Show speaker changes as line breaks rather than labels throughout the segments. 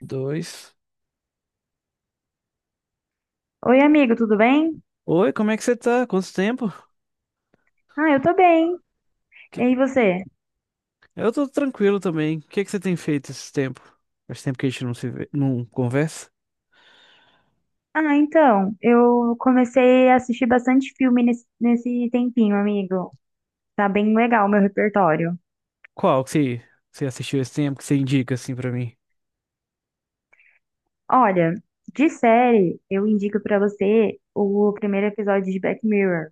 Dois.
Oi, amigo, tudo bem?
Oi, como é que você tá? Quanto tempo?
Ah, eu tô bem. E
Que-
aí, você?
Eu tô tranquilo também. O que que você tem feito esse tempo? Faz tempo que a gente não se vê, não conversa.
Ah, então, eu comecei a assistir bastante filme nesse tempinho, amigo. Tá bem legal o meu repertório.
Qual que você assistiu esse tempo que você indica assim pra mim?
Olha, de série, eu indico pra você o primeiro episódio de Black Mirror.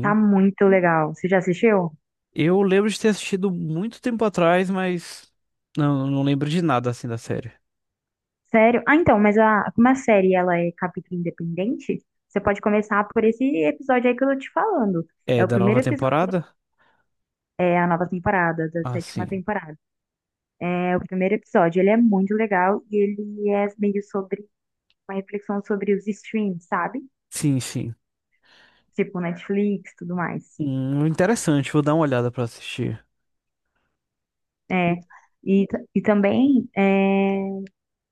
Tá muito legal. Você já assistiu?
Eu lembro de ter assistido muito tempo atrás, mas não lembro de nada assim da série.
Sério? Ah, então, como a série ela é capítulo independente, você pode começar por esse episódio aí que eu tô te falando.
É
É o
da nova
primeiro episódio,
temporada?
é a nova temporada, da
Ah,
sétima
sim.
temporada. É o primeiro episódio, ele é muito legal e ele é meio sobre uma reflexão sobre os streams, sabe?
Sim, sim.
Tipo Netflix, tudo mais.
Interessante, vou dar uma olhada pra assistir.
É. E também é,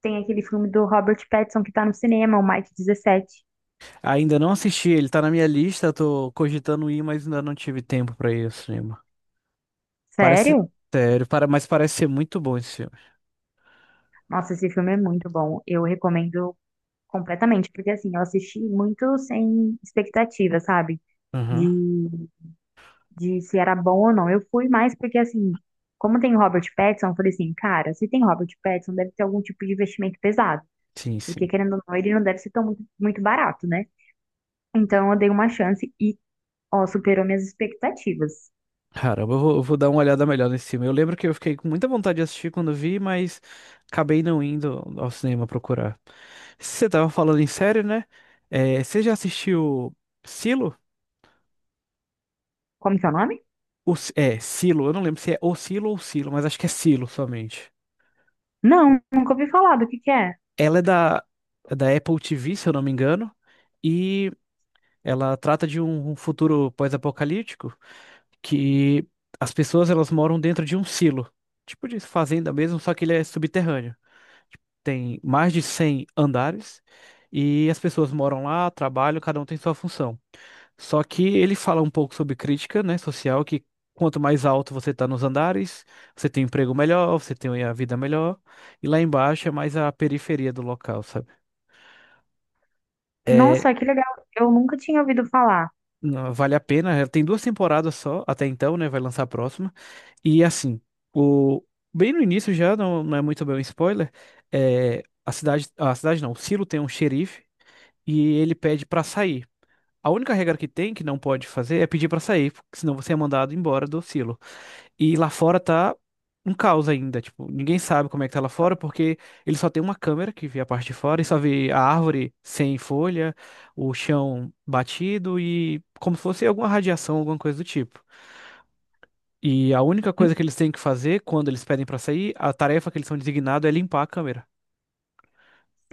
tem aquele filme do Robert Pattinson que tá no cinema, o Mike dezessete.
Ainda não assisti, ele tá na minha lista, tô cogitando ir, mas ainda não tive tempo pra ir ao cinema. Parece
Sério?
mas parece ser muito bom esse filme.
Nossa, esse filme é muito bom. Eu recomendo completamente, porque assim, eu assisti muito sem expectativa, sabe?
Aham.
De de se era bom ou não. Eu fui mais porque, assim, como tem o Robert Pattinson, eu falei assim, cara, se tem Robert Pattinson, deve ter algum tipo de investimento pesado.
Sim,
Porque,
sim.
querendo ou não, ele não deve ser tão muito barato, né? Então, eu dei uma chance e, ó, superou minhas expectativas.
Caramba, eu vou dar uma olhada melhor nesse filme. Eu lembro que eu fiquei com muita vontade de assistir quando vi, mas acabei não indo ao cinema procurar. Você tava falando em série, né? É, você já assistiu Silo?
Como que é o nome?
Silo. Eu não lembro se é O Silo ou Silo, mas acho que é Silo somente.
Não, nunca ouvi falar do que é.
Ela é da, Apple TV, se eu não me engano, e ela trata de um futuro pós-apocalíptico. Que as pessoas elas moram dentro de um silo, tipo de fazenda mesmo, só que ele é subterrâneo. Tem mais de 100 andares e as pessoas moram lá, trabalham, cada um tem sua função. Só que ele fala um pouco sobre crítica, né, social, que quanto mais alto você está nos andares, você tem um emprego melhor, você tem a vida melhor, e lá embaixo é mais a periferia do local, sabe? é
Nossa, que legal. Eu nunca tinha ouvido falar.
Não, vale a pena. Ela tem duas temporadas só até então, né? Vai lançar a próxima. E assim, o bem no início já não é muito bem um spoiler. É, a cidade não, o Silo tem um xerife e ele pede pra sair. A única regra que tem que não pode fazer é pedir pra sair, porque senão você é mandado embora do Silo. E lá fora tá um caos ainda, tipo, ninguém sabe como é que tá lá fora, porque ele só tem uma câmera que vê a parte de fora e só vê a árvore sem folha, o chão batido e como se fosse alguma radiação, alguma coisa do tipo. E a única
Hum,
coisa que eles têm que fazer quando eles pedem pra sair, a tarefa que eles são designados é limpar a câmera.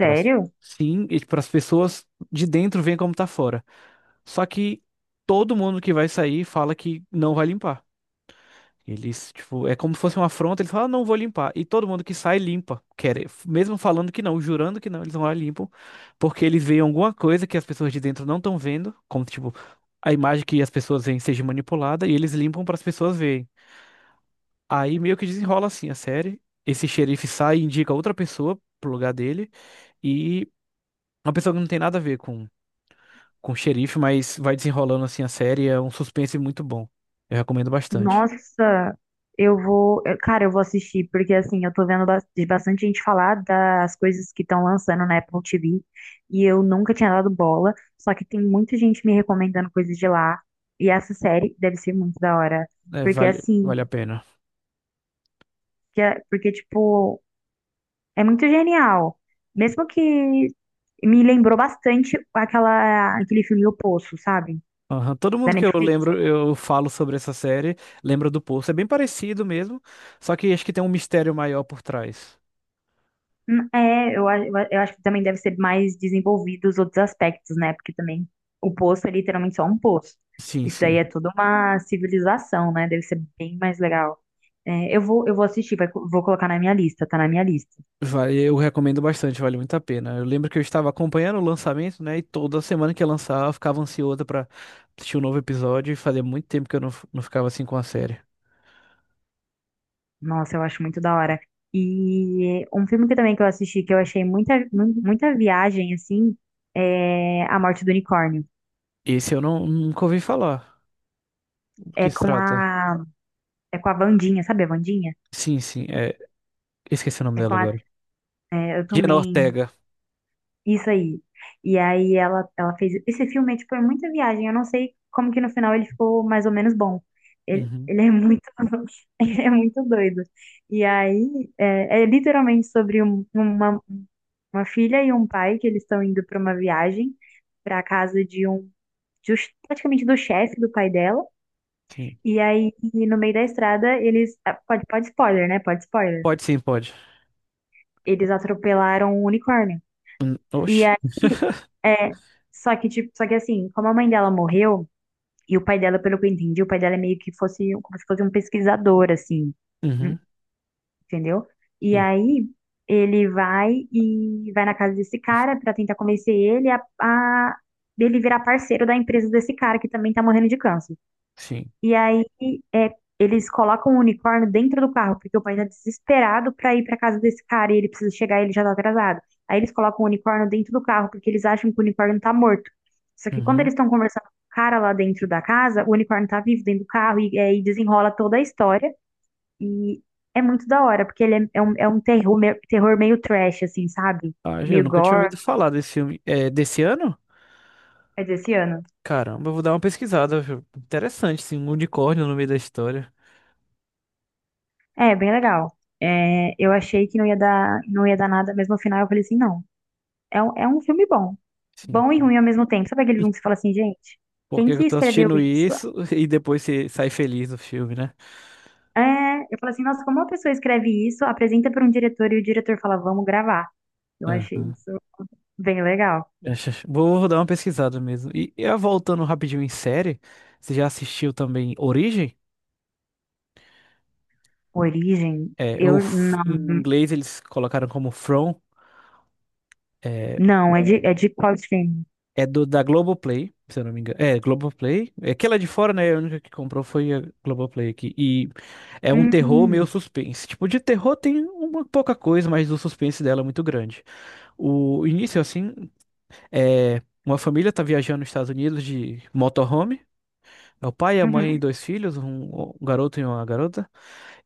Pra, sim, e para as pessoas de dentro verem como tá fora. Só que todo mundo que vai sair fala que não vai limpar. Eles, tipo, é como se fosse uma afronta, eles falam, ah, não vou limpar. E todo mundo que sai limpa, mesmo falando que não, jurando que não, eles vão lá e limpam, porque eles veem alguma coisa que as pessoas de dentro não estão vendo, como tipo, a imagem que as pessoas veem seja manipulada e eles limpam para as pessoas verem. Aí meio que desenrola assim a série. Esse xerife sai e indica outra pessoa pro lugar dele e uma pessoa que não tem nada a ver com o xerife, mas vai desenrolando assim a série, é um suspense muito bom. Eu recomendo bastante.
Nossa, Cara, eu vou assistir, porque assim, eu tô vendo bas- de bastante gente falar das coisas que estão lançando na Apple TV e eu nunca tinha dado bola, só que tem muita gente me recomendando coisas de lá e essa série deve ser muito da hora,
É,
porque
vale,
assim,
vale a pena.
porque tipo, é muito genial. Mesmo que me lembrou bastante aquele filme O Poço, sabe?
Aham, todo
Da
mundo que eu
Netflix.
lembro, eu falo sobre essa série, lembra do Poço. É bem parecido mesmo, só que acho que tem um mistério maior por trás.
É, eu acho que também deve ser mais desenvolvido os outros aspectos, né? Porque também o poço é literalmente só um poço.
Sim,
Isso daí
sim.
é toda uma civilização, né? Deve ser bem mais legal. É, eu vou assistir, vou colocar na minha lista, tá na minha lista.
Vale, eu recomendo bastante, vale muito a pena. Eu lembro que eu estava acompanhando o lançamento, né? E toda semana que ia lançar, eu ficava ansiosa pra assistir um novo episódio. E fazia muito tempo que eu não ficava assim com a série.
Nossa, eu acho muito da hora. E um filme que também que eu assisti, que eu achei muita viagem, assim, é A Morte do Unicórnio.
Esse eu não, nunca ouvi falar do
É
que se
com a,
trata.
é com a Wandinha, sabe a Wandinha?
Sim, sim. É, esqueci o nome
É com
dela
a,
agora.
é, eu
Jenna
também.
Ortega.
Isso aí. E aí ela fez. Esse filme, é, tipo, é muita viagem. Eu não sei como que no final ele ficou mais ou menos bom.
Uhum,
Ele é muito, ele é muito doido. E aí é, é literalmente sobre uma filha e um pai que eles estão indo para uma viagem para casa de um just, praticamente do chefe do pai dela.
sim.
E aí, no meio da estrada, Pode, pode spoiler, né? Pode spoiler.
Pode sim, pode.
Eles atropelaram um unicórnio. E
Oxe.
aí, é, só que, tipo, só que assim, como a mãe dela morreu, e o pai dela, pelo que eu entendi, o pai dela é meio que fosse, um, como se fosse um pesquisador, assim, hum,
Uhum,
entendeu? E
sim,
aí, ele vai e vai na casa desse cara pra tentar convencer ele a ele virar parceiro da empresa desse cara que também tá morrendo de câncer.
sim.
E aí é, eles colocam o unicórnio dentro do carro, porque o pai tá desesperado pra ir pra casa desse cara e ele precisa chegar e ele já tá atrasado. Aí eles colocam o unicórnio dentro do carro, porque eles acham que o unicórnio tá morto. Só que quando
Uhum.
eles estão conversando com o cara lá dentro da casa, o unicórnio tá vivo dentro do carro e aí desenrola toda a história. E é muito da hora, porque ele é, é um terror, terror meio trash, assim, sabe?
Ah,
É
eu
meio
nunca tinha
gore.
ouvido falar desse filme. É desse ano?
É desse ano.
Caramba, eu vou dar uma pesquisada, viu? Interessante, sim, um unicórnio no meio da história.
É, bem legal. É, eu achei que não ia dar nada, mas no final eu falei assim, não. É, é um filme bom.
Sim.
Bom e
sim.
ruim ao mesmo tempo. Sabe aquele filme que você fala assim, gente,
Por
quem
que que
que
eu tô
escreveu
assistindo
isso?
isso e depois você sai feliz do filme, né?
É, eu falo assim, nossa, como uma pessoa escreve isso, apresenta para um diretor e o diretor fala, vamos gravar. Eu achei
Aham.
isso bem legal.
Vou dar uma pesquisada mesmo. E, voltando rapidinho em série, você já assistiu também Origem?
Origem,
É, ou
eu não.
em inglês eles colocaram como From. é,
Não, é de qual streaming?
É do da Globoplay, se eu não me engano. É, Globoplay. É que ela é de fora, né? A única que comprou foi a Globoplay aqui. E é um terror meio
Hum,
suspense. Tipo, de terror tem uma pouca coisa, mas o suspense dela é muito grande. O início, assim, é uma família tá viajando nos Estados Unidos de motorhome. É o pai, a mãe e
uhum,
dois filhos, um garoto e uma garota.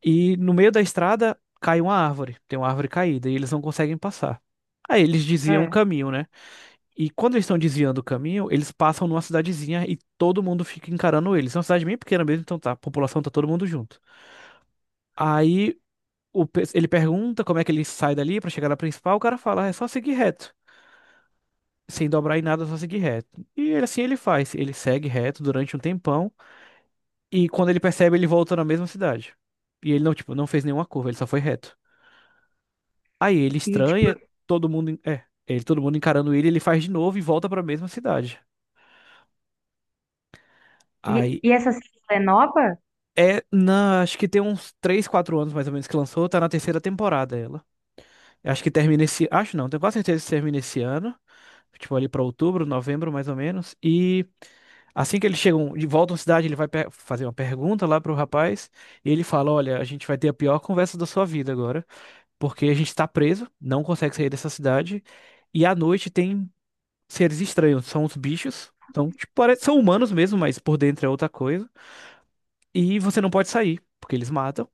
E no meio da estrada cai uma árvore. Tem uma árvore caída e eles não conseguem passar. Aí eles diziam o
é.
caminho, né? E quando eles estão desviando o caminho, eles passam numa cidadezinha e todo mundo fica encarando eles. É uma cidade bem pequena mesmo, então tá, a população tá todo mundo junto. Aí ele pergunta como é que ele sai dali pra chegar na principal, o cara fala, "Ah, é só seguir reto. Sem dobrar em nada, é só seguir reto. Assim ele faz, ele segue reto durante um tempão e quando ele percebe, ele volta na mesma cidade. E ele não, tipo, não fez nenhuma curva, ele só foi reto. Aí ele
E, tipo,
estranha, todo mundo encarando ele, ele faz de novo e volta pra mesma cidade. Aí
e essa série é nova?
É, na, acho que tem uns 3 4 anos mais ou menos que lançou, tá na terceira temporada ela. Acho que termina esse, acho não, tenho quase certeza que termina esse ano, tipo ali pra outubro, novembro mais ou menos. E assim que eles chegam de volta à cidade, ele vai fazer uma pergunta lá pro rapaz, e ele fala: "Olha, a gente vai ter a pior conversa da sua vida agora, porque a gente tá preso, não consegue sair dessa cidade, e à noite tem seres estranhos, são os bichos. Então, tipo, são humanos mesmo, mas por dentro é outra coisa, e você não pode sair, porque eles matam.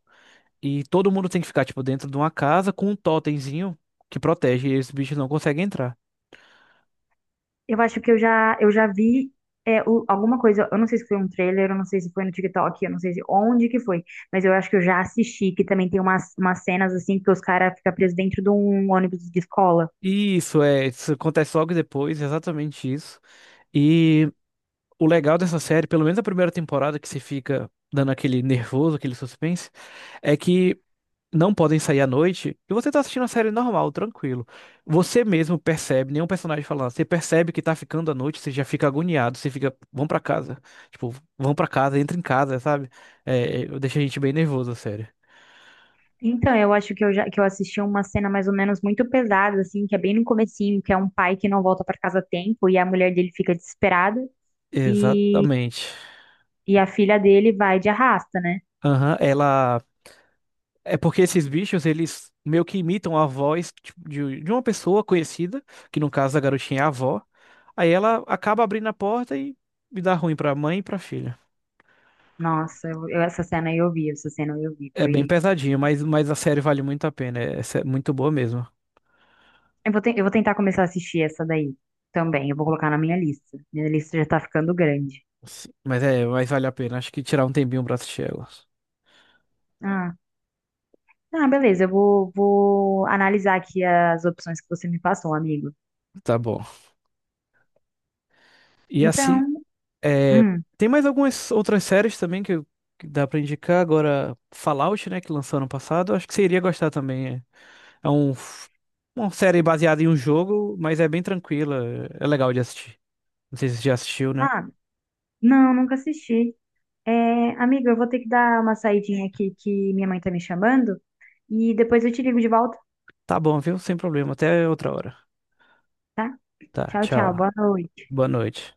E todo mundo tem que ficar, tipo, dentro de uma casa com um totemzinho que protege, e esses bichos não conseguem entrar.
Eu acho que eu já vi é, alguma coisa, eu não sei se foi um trailer, eu não sei se foi no TikTok, eu não sei se onde que foi, mas eu acho que eu já assisti, que também tem umas cenas assim que os caras ficam presos dentro de um ônibus de escola.
E isso acontece logo depois, exatamente isso. E o legal dessa série, pelo menos a primeira temporada, que você fica dando aquele nervoso, aquele suspense, é que não podem sair à noite e você tá assistindo a série normal, tranquilo. Você mesmo percebe, nenhum personagem falando, você percebe que tá ficando à noite, você já fica agoniado, você fica, vão pra casa, tipo, vão pra casa, entra em casa, sabe? É, deixa a gente bem nervoso, a série.
Então, eu acho que eu já que eu assisti uma cena mais ou menos muito pesada, assim, que é bem no comecinho, que é um pai que não volta pra casa a tempo e a mulher dele fica desesperada
Exatamente.
e a filha dele vai de arrasta, né?
Aham, ela. É porque esses bichos, eles meio que imitam a voz tipo, de uma pessoa conhecida, que no caso a garotinha é a avó. Aí ela acaba abrindo a porta e dá ruim pra mãe e pra filha.
Nossa, essa cena eu vi, essa cena eu vi,
É bem
foi.
pesadinho, mas a série vale muito a pena. É, muito boa mesmo.
Eu vou, eu vou tentar começar a assistir essa daí também. Eu vou colocar na minha lista. Minha lista já tá ficando grande.
Sim, mas vale a pena. Acho que tirar um tempinho pra assistir ela.
Ah, ah, beleza. Vou analisar aqui as opções que você me passou, amigo.
Tá bom. E
Então,
assim, é,
hum,
tem mais algumas outras séries também que dá pra indicar. Agora, Fallout, né, que lançou ano passado. Acho que você iria gostar também. É uma série baseada em um jogo, mas é bem tranquila. É legal de assistir. Não sei se você já assistiu, né?
ah, não, nunca assisti. É, amigo, eu vou ter que dar uma saidinha aqui que minha mãe tá me chamando e depois eu te ligo de volta,
Tá bom, viu? Sem problema. Até outra hora.
tá?
Tá,
Tchau, tchau.
tchau.
Boa noite.
Boa noite.